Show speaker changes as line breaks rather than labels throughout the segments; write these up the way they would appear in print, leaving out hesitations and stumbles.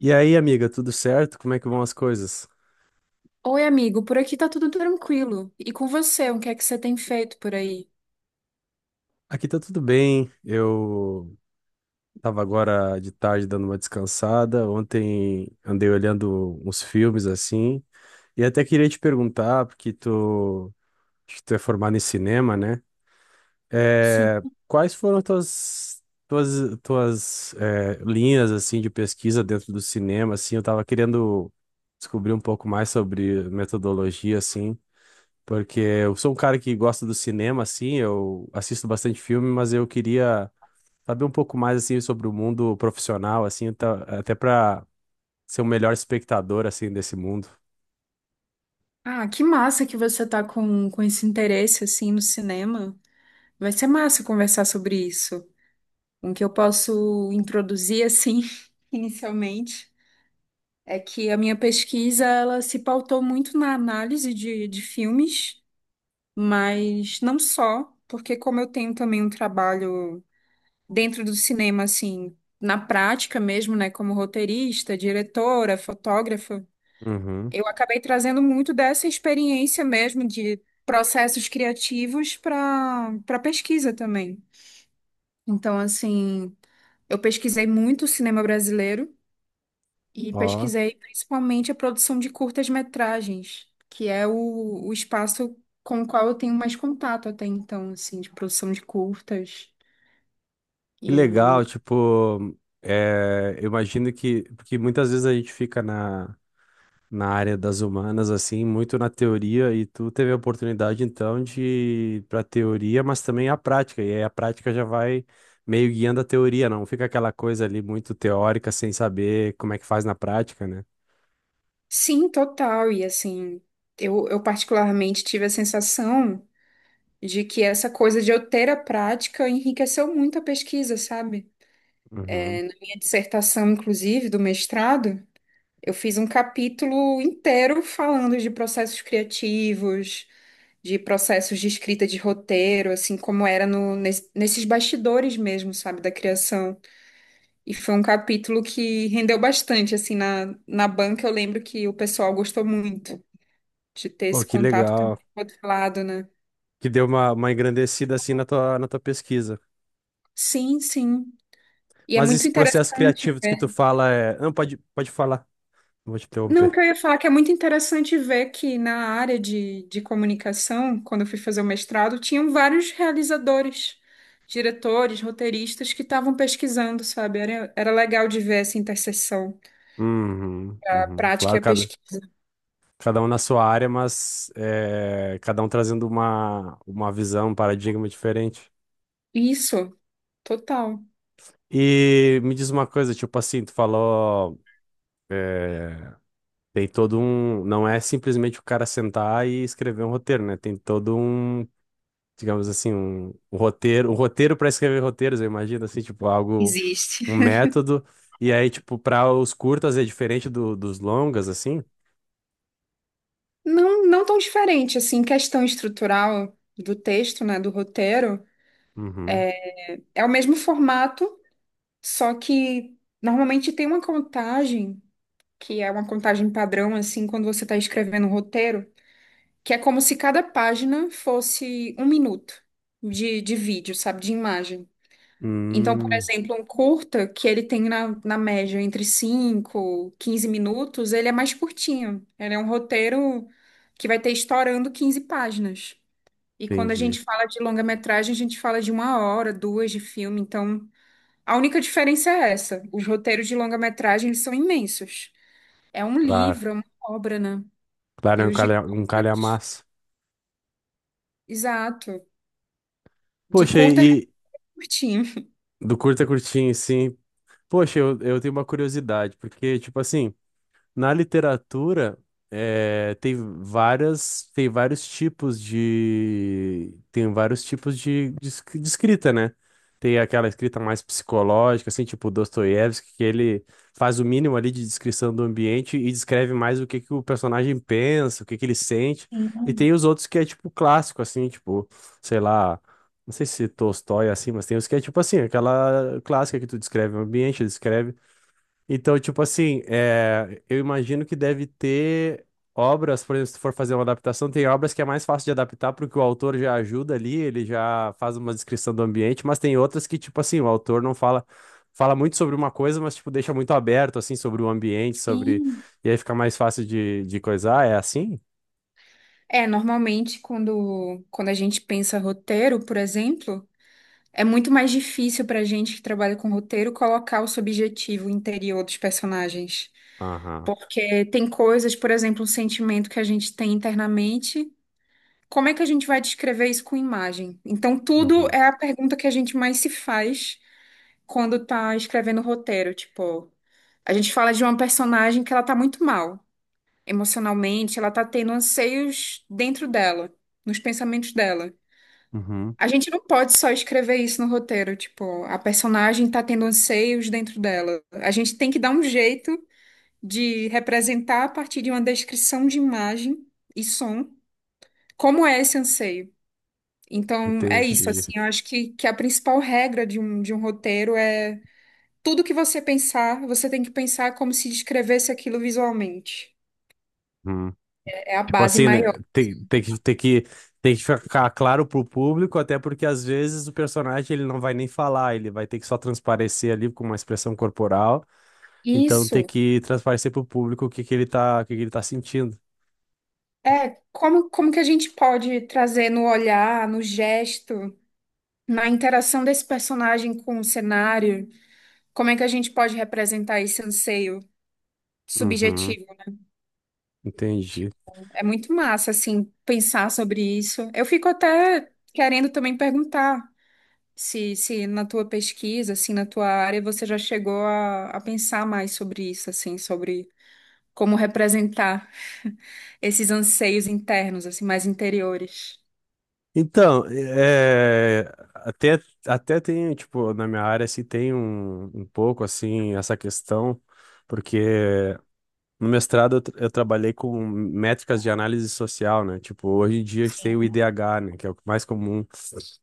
E aí, amiga, tudo certo? Como é que vão as coisas?
Oi, amigo, por aqui tá tudo tranquilo. E com você, o que é que você tem feito por aí?
Aqui tá tudo bem. Eu tava agora de tarde dando uma descansada. Ontem andei olhando uns filmes assim. E até queria te perguntar, porque tu, acho que tu é formado em cinema, né? É,
Sim.
quais foram tuas linhas assim de pesquisa dentro do cinema? Assim, eu tava querendo descobrir um pouco mais sobre metodologia assim. Porque eu sou um cara que gosta do cinema, assim, eu assisto bastante filme, mas eu queria saber um pouco mais, assim, sobre o mundo profissional, assim, até para ser o melhor espectador, assim, desse mundo.
Ah, que massa que você tá com esse interesse assim no cinema. Vai ser massa conversar sobre isso. O que eu posso introduzir assim, inicialmente, é que a minha pesquisa ela se pautou muito na análise de filmes, mas não só, porque como eu tenho também um trabalho dentro do cinema, assim, na prática mesmo, né, como roteirista, diretora, fotógrafa,
Uhum.
eu acabei trazendo muito dessa experiência mesmo de processos criativos para pesquisa também. Então, assim, eu pesquisei muito o cinema brasileiro e
Ó,
pesquisei principalmente a produção de curtas-metragens, que é o espaço com o qual eu tenho mais contato até então, assim, de produção de curtas.
que legal, tipo, é, eu imagino que, porque muitas vezes a gente fica na área das humanas, assim, muito na teoria, e tu teve a oportunidade, então, de ir pra teoria, mas também a prática, e aí a prática já vai meio guiando a teoria, não fica aquela coisa ali muito teórica, sem saber como é que faz na prática, né?
Sim, total. E assim, eu particularmente tive a sensação de que essa coisa de eu ter a prática enriqueceu muito a pesquisa, sabe?
Uhum.
Minha dissertação, inclusive, do mestrado, eu fiz um capítulo inteiro falando de processos criativos, de processos de escrita de roteiro, assim como era no, nes- nesses bastidores mesmo, sabe, da criação. E foi um capítulo que rendeu bastante, assim, na, na banca eu lembro que o pessoal gostou muito de ter
Pô,
esse
que
contato
legal,
também do outro lado, né?
que deu uma engrandecida, assim, na tua pesquisa.
Sim, sim. E é
Mas
muito
esse processo
interessante
criativo que
ver.
tu fala é... Não, pode falar, não vou te
Não, o que
interromper.
eu ia falar é que é muito interessante ver que na área de comunicação, quando eu fui fazer o mestrado, tinham vários realizadores, diretores, roteiristas que estavam pesquisando, sabe? Era legal de ver essa interseção,
Uhum,
a
uhum.
prática e
Claro,
a pesquisa.
cada um na sua área, mas é, cada um trazendo uma visão, um paradigma diferente.
Isso, total.
E me diz uma coisa, tipo assim, tu falou, é, tem todo um, não é simplesmente o cara sentar e escrever um roteiro, né? Tem todo um, digamos assim, um roteiro para escrever roteiros, eu imagino assim, tipo algo,
Existe.
um método. E aí, tipo, para os curtas é diferente dos longas, assim?
Não, não tão diferente, assim, questão estrutural do texto, né, do roteiro,
Uhum.
é o mesmo formato. Só que normalmente tem uma contagem, que é uma contagem padrão, assim, quando você está escrevendo um roteiro, que é como se cada página fosse um minuto de vídeo, sabe, de imagem. Então, por
Hum,
exemplo, um curta, que ele tem na, na média entre 5, 15 minutos, ele é mais curtinho. Ele é um roteiro que vai ter estourando 15 páginas. E quando a
entendi.
gente fala de longa-metragem, a gente fala de uma hora, duas de filme, então. A única diferença é essa. Os roteiros de longa-metragem eles são imensos. É um livro,
Claro.
é uma obra, né?
Claro, é
E
um
os de
calha, um
curtas,
calhamaço.
exato. De
Poxa, e
curta é
e
curtinho.
do curto a curtinho, sim. Poxa, eu tenho uma curiosidade, porque, tipo assim, na literatura, tem várias, tem vários tipos de, tem vários tipos de, de escrita, né? Tem aquela escrita mais psicológica, assim, tipo Dostoiévski, que ele faz o mínimo ali de descrição do ambiente e descreve mais o que que o personagem pensa, o que que ele sente. E tem os outros que é tipo clássico, assim, tipo, sei lá, não sei se Tolstói é assim, mas tem os que é tipo assim, aquela clássica que tu descreve o ambiente, descreve então, tipo assim, é, eu imagino que deve ter obras, por exemplo, se tu for fazer uma adaptação, tem obras que é mais fácil de adaptar porque o autor já ajuda ali, ele já faz uma descrição do ambiente, mas tem outras que, tipo assim, o autor não fala, fala muito sobre uma coisa, mas, tipo, deixa muito aberto, assim, sobre o ambiente, sobre...
Sim.
E aí fica mais fácil de coisar, é assim?
É, normalmente quando a gente pensa roteiro, por exemplo, é muito mais difícil para a gente que trabalha com roteiro colocar o subjetivo interior dos personagens.
Aham.
Porque tem coisas, por exemplo, um sentimento que a gente tem internamente. Como é que a gente vai descrever isso com imagem? Então, tudo
Uhum.
é a pergunta que a gente mais se faz quando tá escrevendo o roteiro. Tipo, a gente fala de uma personagem que ela tá muito mal emocionalmente, ela tá tendo anseios dentro dela, nos pensamentos dela.
Uhum.
A gente não pode só escrever isso no roteiro, tipo, a personagem tá tendo anseios dentro dela. A gente tem que dar um jeito de representar a partir de uma descrição de imagem e som como é esse anseio. Então, é isso,
Entendi.
assim, eu acho que a principal regra de um roteiro é tudo que você pensar, você tem que pensar como se descrevesse aquilo visualmente. É a
Tipo
base
assim,
maior.
né? Tem, tem que ficar claro pro público, até porque às vezes o personagem ele não vai nem falar, ele vai ter que só transparecer ali com uma expressão corporal. Então tem
Isso
que transparecer pro público o que que ele tá, o que que ele tá sentindo.
é como, como que a gente pode trazer no olhar, no gesto, na interação desse personagem com o cenário, como é que a gente pode representar esse anseio
Uhum,
subjetivo?
entendi.
Tipo, é muito massa, assim, pensar sobre isso. Eu fico até querendo também perguntar. Se na tua pesquisa, assim, na tua área, você já chegou a pensar mais sobre isso, assim, sobre como representar esses anseios internos, assim, mais interiores.
Então, é, até, até tem, tipo, na minha área, se tem um, um pouco, assim, essa questão, porque no mestrado, eu trabalhei com métricas de análise social, né? Tipo, hoje em dia a gente tem o
Sim.
IDH, né? Que é o mais comum.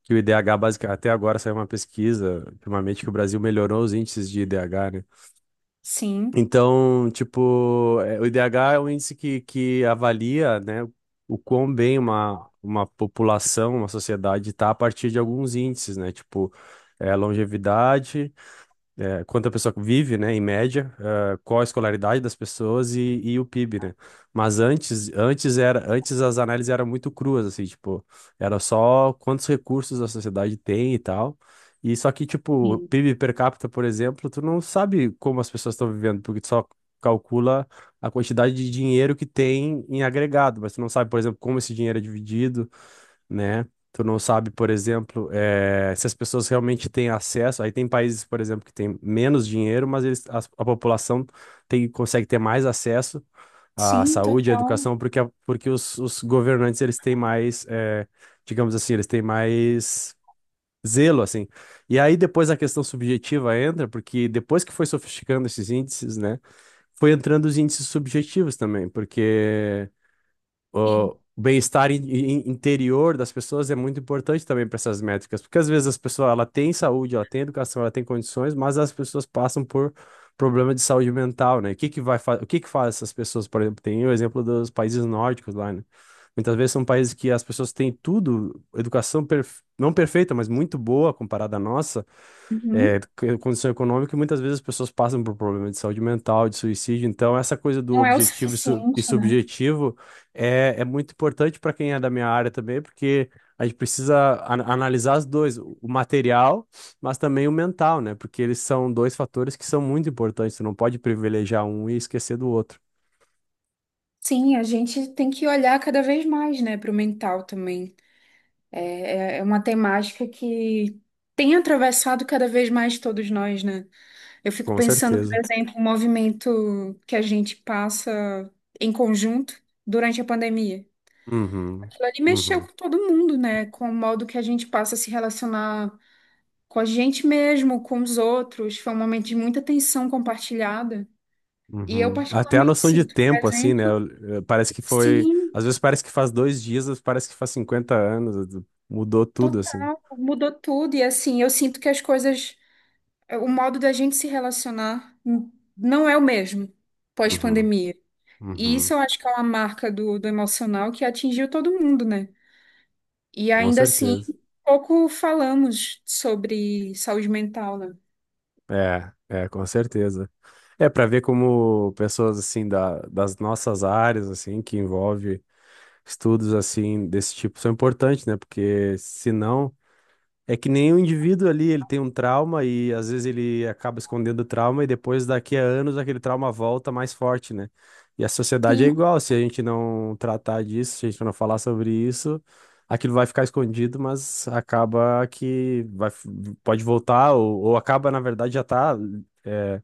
Que o IDH, basicamente, até agora saiu uma pesquisa, ultimamente, que o Brasil melhorou os índices de IDH, né?
Sim,
Então, tipo, é, o IDH é um índice que avalia, né, o quão bem uma população, uma sociedade está a partir de alguns índices, né? Tipo, é, longevidade é, quanto a pessoa vive, né, em média, ah, qual a escolaridade das pessoas e o PIB, né? Mas antes, antes era, antes as análises eram muito cruas, assim, tipo, era só quantos recursos a sociedade tem e tal. E só que, tipo, PIB per capita, por exemplo, tu não sabe como as pessoas estão vivendo, porque tu só calcula a quantidade de dinheiro que tem em agregado, mas tu não sabe, por exemplo, como esse dinheiro é dividido, né? Tu não sabe, por exemplo, se as pessoas realmente têm acesso. Aí tem países, por exemplo, que têm menos dinheiro, mas eles, população tem, consegue ter mais acesso à
sim,
saúde, à
total.
educação, porque, porque os governantes eles têm mais, digamos assim, eles têm mais zelo, assim. E aí depois a questão subjetiva entra, porque depois que foi sofisticando esses índices, né? Foi entrando os índices subjetivos também, porque o bem-estar interior das pessoas é muito importante também para essas métricas, porque às vezes as pessoas ela tem saúde, ela tem educação, ela tem condições, mas as pessoas passam por problema de saúde mental, né? O que que vai o que que faz essas pessoas, por exemplo, tem o exemplo dos países nórdicos lá, né? Muitas vezes são países que as pessoas têm tudo, educação não perfeita, mas muito boa comparada à nossa, é,
Uhum.
condição econômica e muitas vezes as pessoas passam por problemas de saúde mental, de suicídio. Então, essa coisa do
Não é o
objetivo e
suficiente, né?
subjetivo é, é muito importante para quem é da minha área também, porque a gente precisa analisar os dois, o material, mas também o mental, né? Porque eles são dois fatores que são muito importantes. Você não pode privilegiar um e esquecer do outro.
Sim, a gente tem que olhar cada vez mais, né, para o mental também. É, é é uma temática que tem atravessado cada vez mais todos nós, né? Eu fico
Com
pensando, por
certeza.
exemplo, o movimento que a gente passa em conjunto durante a pandemia.
Uhum.
Aquilo ali mexeu
Uhum.
com todo mundo, né? Com o modo que a gente passa a se relacionar com a gente mesmo, com os outros. Foi um momento de muita tensão compartilhada. E eu
Uhum. Até a
particularmente
noção de
sinto, por
tempo, assim, né?
exemplo,
Parece que foi.
sim,
Às vezes parece que faz dois dias, às vezes parece que faz 50 anos. Mudou tudo, assim.
total, mudou tudo. E assim, eu sinto que as coisas, o modo da gente se relacionar não é o mesmo
Uhum.
pós-pandemia. E isso
Uhum.
eu acho que é uma marca do emocional que atingiu todo mundo, né? E
Com
ainda assim,
certeza.
pouco falamos sobre saúde mental, né?
É, é, com certeza. É para ver como pessoas, assim, da, das nossas áreas, assim, que envolve estudos, assim, desse tipo, são importantes, né? Porque senão é que nem o indivíduo ali, ele tem um trauma e às vezes ele acaba escondendo o trauma e depois daqui a anos aquele trauma volta mais forte, né? E a sociedade é
Sim,
igual, se a gente não tratar disso, se a gente não falar sobre isso, aquilo vai ficar escondido, mas acaba que vai, pode voltar ou acaba, na verdade, já tá é,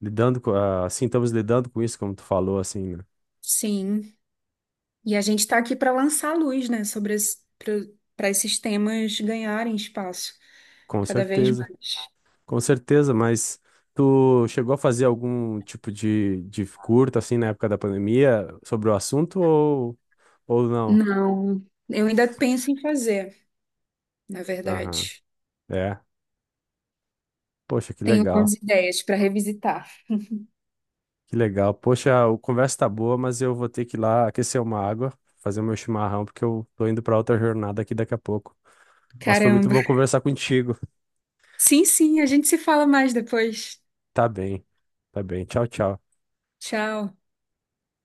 lidando com, ah, assim, estamos lidando com isso, como tu falou, assim, né?
sim. E a gente está aqui para lançar luz, né, sobre, para esses temas ganharem espaço
Com
cada vez
certeza.
mais.
Com certeza, mas tu chegou a fazer algum tipo de curta assim na época da pandemia sobre o assunto ou não?
Não, eu ainda penso em fazer, na
Aham,
verdade.
é. Poxa, que
Tenho
legal,
algumas ideias para revisitar.
que legal. Poxa, a conversa tá boa, mas eu vou ter que ir lá aquecer uma água, fazer o meu chimarrão, porque eu tô indo pra outra jornada aqui daqui a pouco. Mas foi muito
Caramba.
bom conversar contigo.
Sim, sim, a gente se fala mais depois.
Tá bem, tá bem. Tchau, tchau.
Tchau.